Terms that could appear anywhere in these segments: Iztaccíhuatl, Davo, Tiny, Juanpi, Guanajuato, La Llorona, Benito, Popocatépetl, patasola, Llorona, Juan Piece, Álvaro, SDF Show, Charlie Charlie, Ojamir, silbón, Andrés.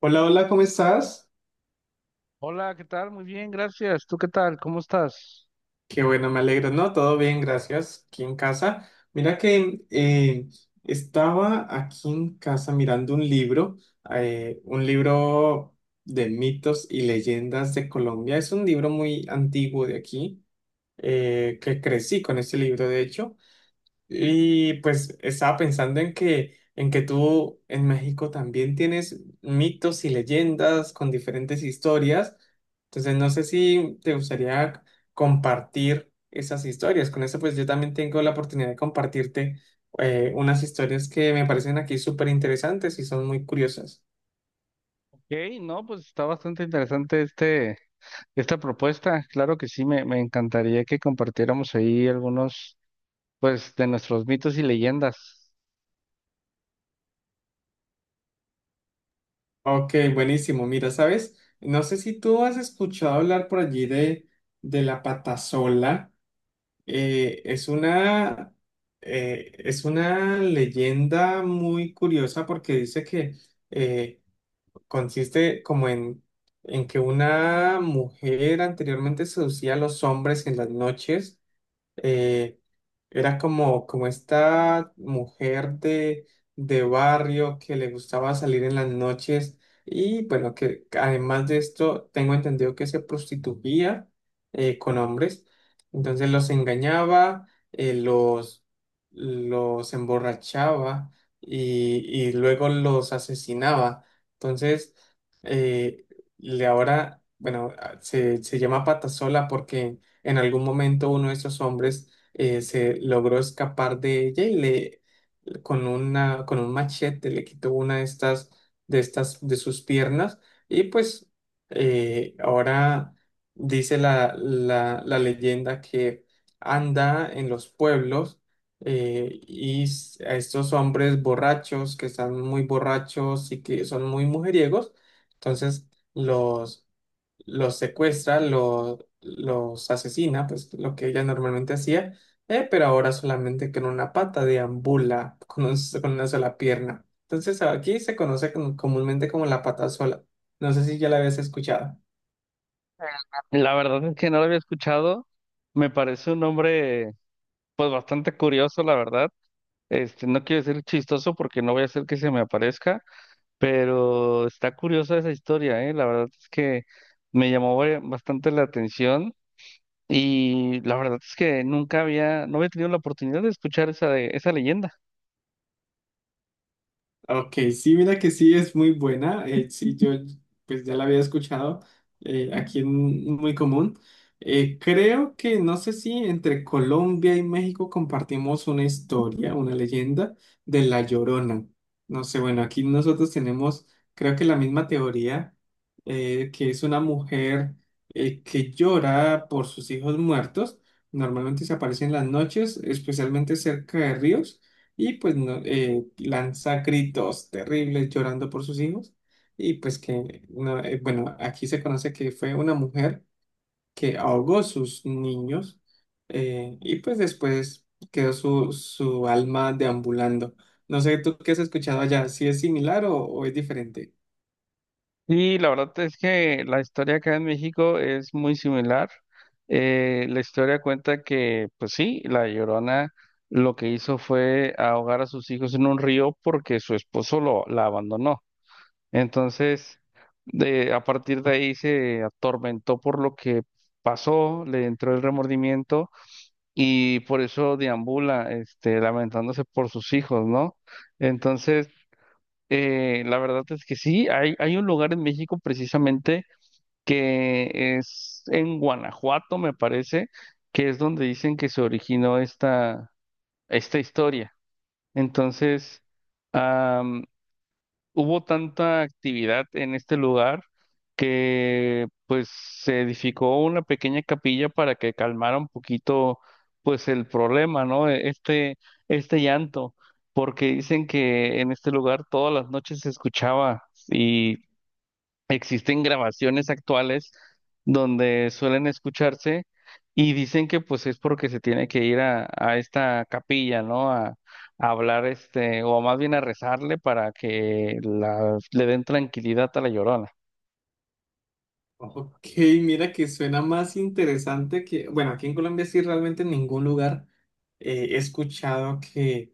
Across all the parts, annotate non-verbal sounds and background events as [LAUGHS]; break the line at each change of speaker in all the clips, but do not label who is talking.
Hola, hola, ¿cómo estás?
Hola, ¿qué tal? Muy bien, gracias. ¿Tú qué tal? ¿Cómo estás?
Qué bueno, me alegro, ¿no? Todo bien, gracias. Aquí en casa. Mira que estaba aquí en casa mirando un libro de mitos y leyendas de Colombia. Es un libro muy antiguo de aquí, que crecí con este libro, de hecho. Y pues estaba pensando en que tú en México también tienes mitos y leyendas con diferentes historias. Entonces no sé si te gustaría compartir esas historias. Con eso pues yo también tengo la oportunidad de compartirte unas historias que me parecen aquí súper interesantes y son muy curiosas.
Ok, no, pues está bastante interesante esta propuesta. Claro que sí, me encantaría que compartiéramos ahí algunos, pues, de nuestros mitos y leyendas.
Ok, buenísimo. Mira, ¿sabes? No sé si tú has escuchado hablar por allí de la patasola. Eh, es una, es una leyenda muy curiosa porque dice que eh, consiste como en que una mujer anteriormente seducía a los hombres en las noches, eh, era como esta mujer de barrio que le gustaba salir en las noches y bueno, que además de esto tengo entendido que se prostituía, con hombres, entonces los engañaba, eh, los, los emborrachaba y luego los asesinaba. Entonces, eh, le ahora, bueno, se llama Patasola porque en algún momento uno de esos hombres se logró escapar de ella y le con un machete le quitó una de estas de sus piernas y pues ahora dice la leyenda que anda en los pueblos a estos hombres borrachos que están muy borrachos y que son muy mujeriegos, entonces los los secuestra, los asesina, pues lo que ella normalmente hacía, pero ahora solamente con una pata deambula, [LAUGHS] con, con una sola pierna. Entonces aquí se conoce comúnmente como la pata sola. No sé si ya la habías escuchado.
La verdad es que no lo había escuchado. Me parece un nombre, pues, bastante curioso, la verdad. Este, no quiero decir chistoso porque no voy a hacer que se me aparezca, pero está curiosa esa historia, ¿eh? La verdad es que me llamó bastante la atención. Y la verdad es que nunca había, no había tenido la oportunidad de escuchar esa leyenda.
Ok, sí, mira que sí es muy buena. Sí, yo pues ya la había escuchado, aquí es muy común. Creo que no sé si entre Colombia y México compartimos una historia, una leyenda de La Llorona. No sé, bueno, aquí nosotros tenemos creo que la misma teoría, que es una mujer que llora por sus hijos muertos. Normalmente se aparece en las noches, especialmente cerca de ríos y pues no, lanza gritos terribles llorando por sus hijos y pues que, no, bueno, aquí se conoce que fue una mujer que ahogó sus niños, y pues después quedó su alma deambulando. No sé, ¿tú qué has escuchado allá? ¿Si es similar o es diferente?
Y la verdad es que la historia acá en México es muy similar. La historia cuenta que, pues sí, la Llorona lo que hizo fue ahogar a sus hijos en un río porque su esposo la abandonó. Entonces, a partir de ahí se atormentó por lo que pasó, le entró el remordimiento y por eso deambula, este, lamentándose por sus hijos, ¿no? Entonces, la verdad es que sí, hay un lugar en México precisamente que es en Guanajuato, me parece, que es donde dicen que se originó esta historia. Entonces, hubo tanta actividad en este lugar que pues se edificó una pequeña capilla para que calmara un poquito pues el problema, ¿no? Este llanto, porque dicen que en este lugar todas las noches se escuchaba, existen grabaciones actuales donde suelen escucharse, y dicen que pues es porque se tiene que ir a esta capilla, ¿no? A hablar este, o más bien a rezarle para que le den tranquilidad a la Llorona.
Ok, mira que suena más interesante que, bueno, aquí en Colombia sí realmente en ningún lugar he escuchado que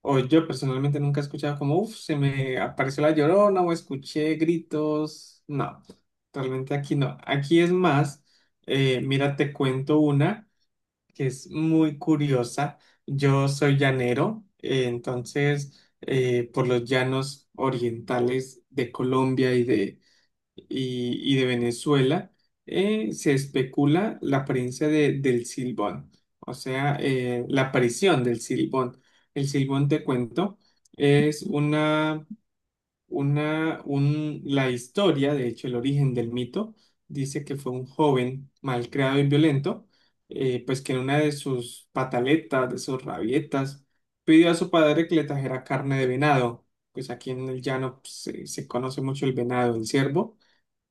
o yo personalmente nunca he escuchado como, uff, se me apareció la Llorona o escuché gritos. No, realmente aquí no. Aquí es más, mira, te cuento una que es muy curiosa. Yo soy llanero, entonces por los llanos orientales de Colombia y de Venezuela, se especula la apariencia del silbón, o sea, la aparición del silbón. El silbón, te cuento, es la historia, de hecho, el origen del mito, dice que fue un joven malcriado y violento, pues que en una de sus pataletas, de sus rabietas, pidió a su padre que le trajera carne de venado. Pues aquí en el llano pues, se conoce mucho el venado, el ciervo,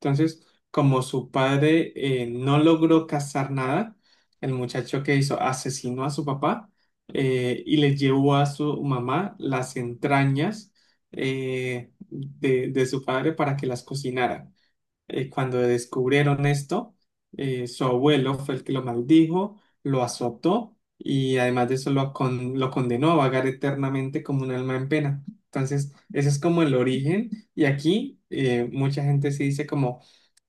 entonces, como su padre no logró cazar nada, el muchacho que hizo asesinó a su papá, y le llevó a su mamá las entrañas, de su padre para que las cocinara. Cuando descubrieron esto, su abuelo fue el que lo maldijo, lo azotó y además de eso lo, lo condenó a vagar eternamente como un alma en pena. Entonces, ese es como el origen y aquí mucha gente se dice como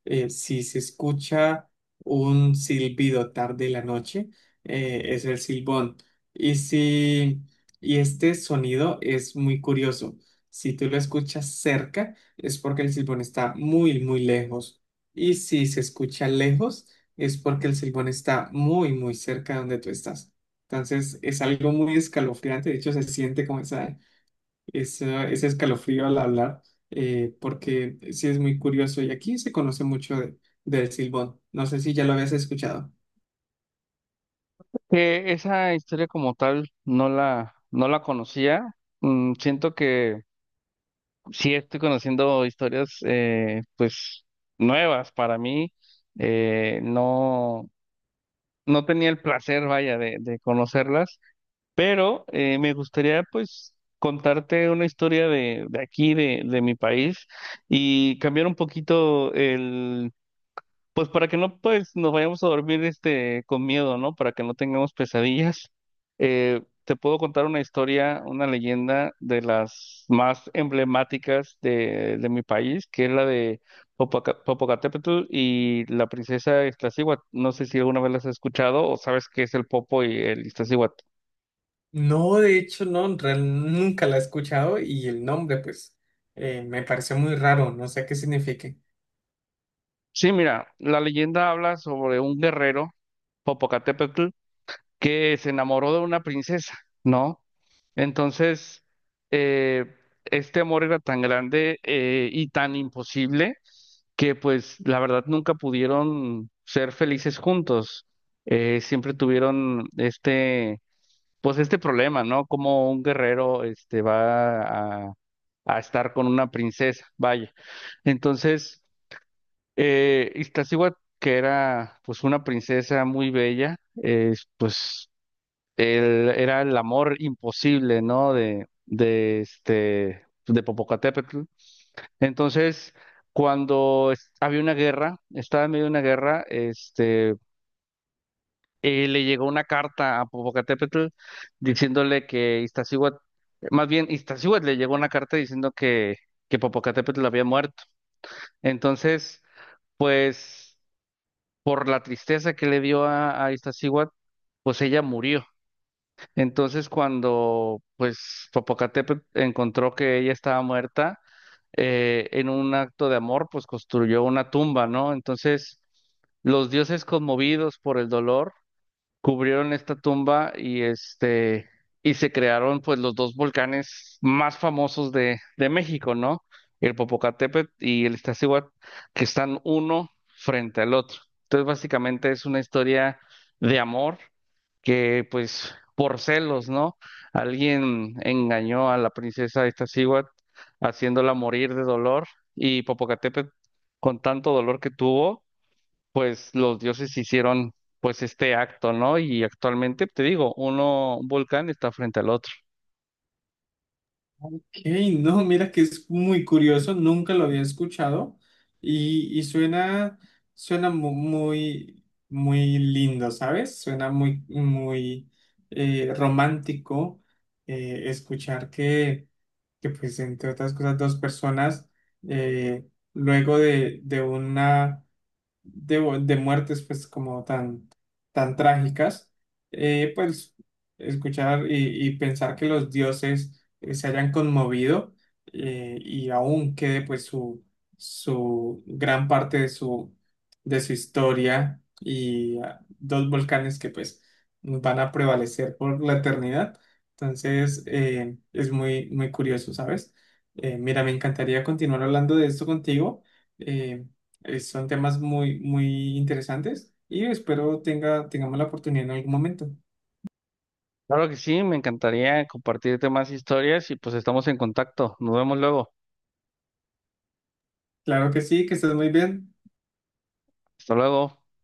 si se escucha un silbido tarde en la noche, es el silbón. Y si, Y este sonido es muy curioso. Si tú lo escuchas cerca, es porque el silbón está muy, muy lejos. Y si se escucha lejos, es porque el silbón está muy, muy cerca de donde tú estás. Entonces, es algo muy escalofriante. De hecho, se siente como ese escalofrío al hablar, porque sí es muy curioso. Y aquí se conoce mucho del silbón. No sé si ya lo habías escuchado.
Que esa historia como tal no la conocía. Mm, siento que sí estoy conociendo historias pues nuevas para mí. Eh, no, no tenía el placer, vaya, de conocerlas. Pero me gustaría pues contarte una historia de aquí, de mi país, y cambiar un poquito pues para que no pues nos vayamos a dormir este con miedo, ¿no? Para que no tengamos pesadillas. Te puedo contar una historia, una leyenda de las más emblemáticas de mi país, que es la de Popocatépetl y la princesa Iztaccíhuatl. No sé si alguna vez las has escuchado o sabes qué es el Popo y el Iztaccíhuatl.
No, de hecho, no, nunca la he escuchado y el nombre, pues, me pareció muy raro. No sé qué significa.
Sí, mira, la leyenda habla sobre un guerrero, Popocatépetl, que se enamoró de una princesa, ¿no? Entonces, eh, este amor era tan grande y tan imposible que, pues, la verdad nunca pudieron ser felices juntos. Siempre tuvieron este, pues, este problema, ¿no? Como un guerrero, este, va a a estar con una princesa, vaya. Entonces, Iztaccíhuatl, que era pues una princesa muy bella, eh, pues él, era el amor imposible, ¿no? De Popocatépetl. Entonces, cuando había una guerra, estaba en medio de una guerra, le llegó una carta a Popocatépetl diciéndole que Iztaccíhuatl, más bien Iztaccíhuatl le llegó una carta diciendo que Popocatépetl había muerto. Entonces, pues por la tristeza que le dio a Iztaccíhuatl, pues ella murió. Entonces, cuando pues Popocatépetl encontró que ella estaba muerta, en un acto de amor, pues construyó una tumba, ¿no? Entonces, los dioses conmovidos por el dolor cubrieron esta tumba y se crearon pues los dos volcanes más famosos de México, ¿no? El Popocatépetl y el Iztaccíhuatl, que están uno frente al otro. Entonces, básicamente es una historia de amor que pues por celos, ¿no? Alguien engañó a la princesa Iztaccíhuatl haciéndola morir de dolor y Popocatépetl con tanto dolor que tuvo pues los dioses hicieron pues este acto, ¿no? Y actualmente, te digo, un volcán está frente al otro.
Ey, no, mira que es muy curioso, nunca lo había escuchado y suena, muy, muy lindo, ¿sabes? Suena muy, muy romántico, escuchar que, pues, entre otras cosas, dos personas eh, luego de una de muertes pues como tan, tan trágicas, pues escuchar y pensar que los dioses se hayan conmovido, y aún quede pues su gran parte de su historia y ah, dos volcanes que pues van a prevalecer por la eternidad. Entonces es muy, muy curioso, ¿sabes? Mira, me encantaría continuar hablando de esto contigo. Em, Son temas muy, muy interesantes y espero tengamos la oportunidad en algún momento.
Claro que sí, me encantaría compartirte más historias y pues estamos en contacto. Nos vemos luego.
Claro que sí, que estés muy bien.
Hasta luego.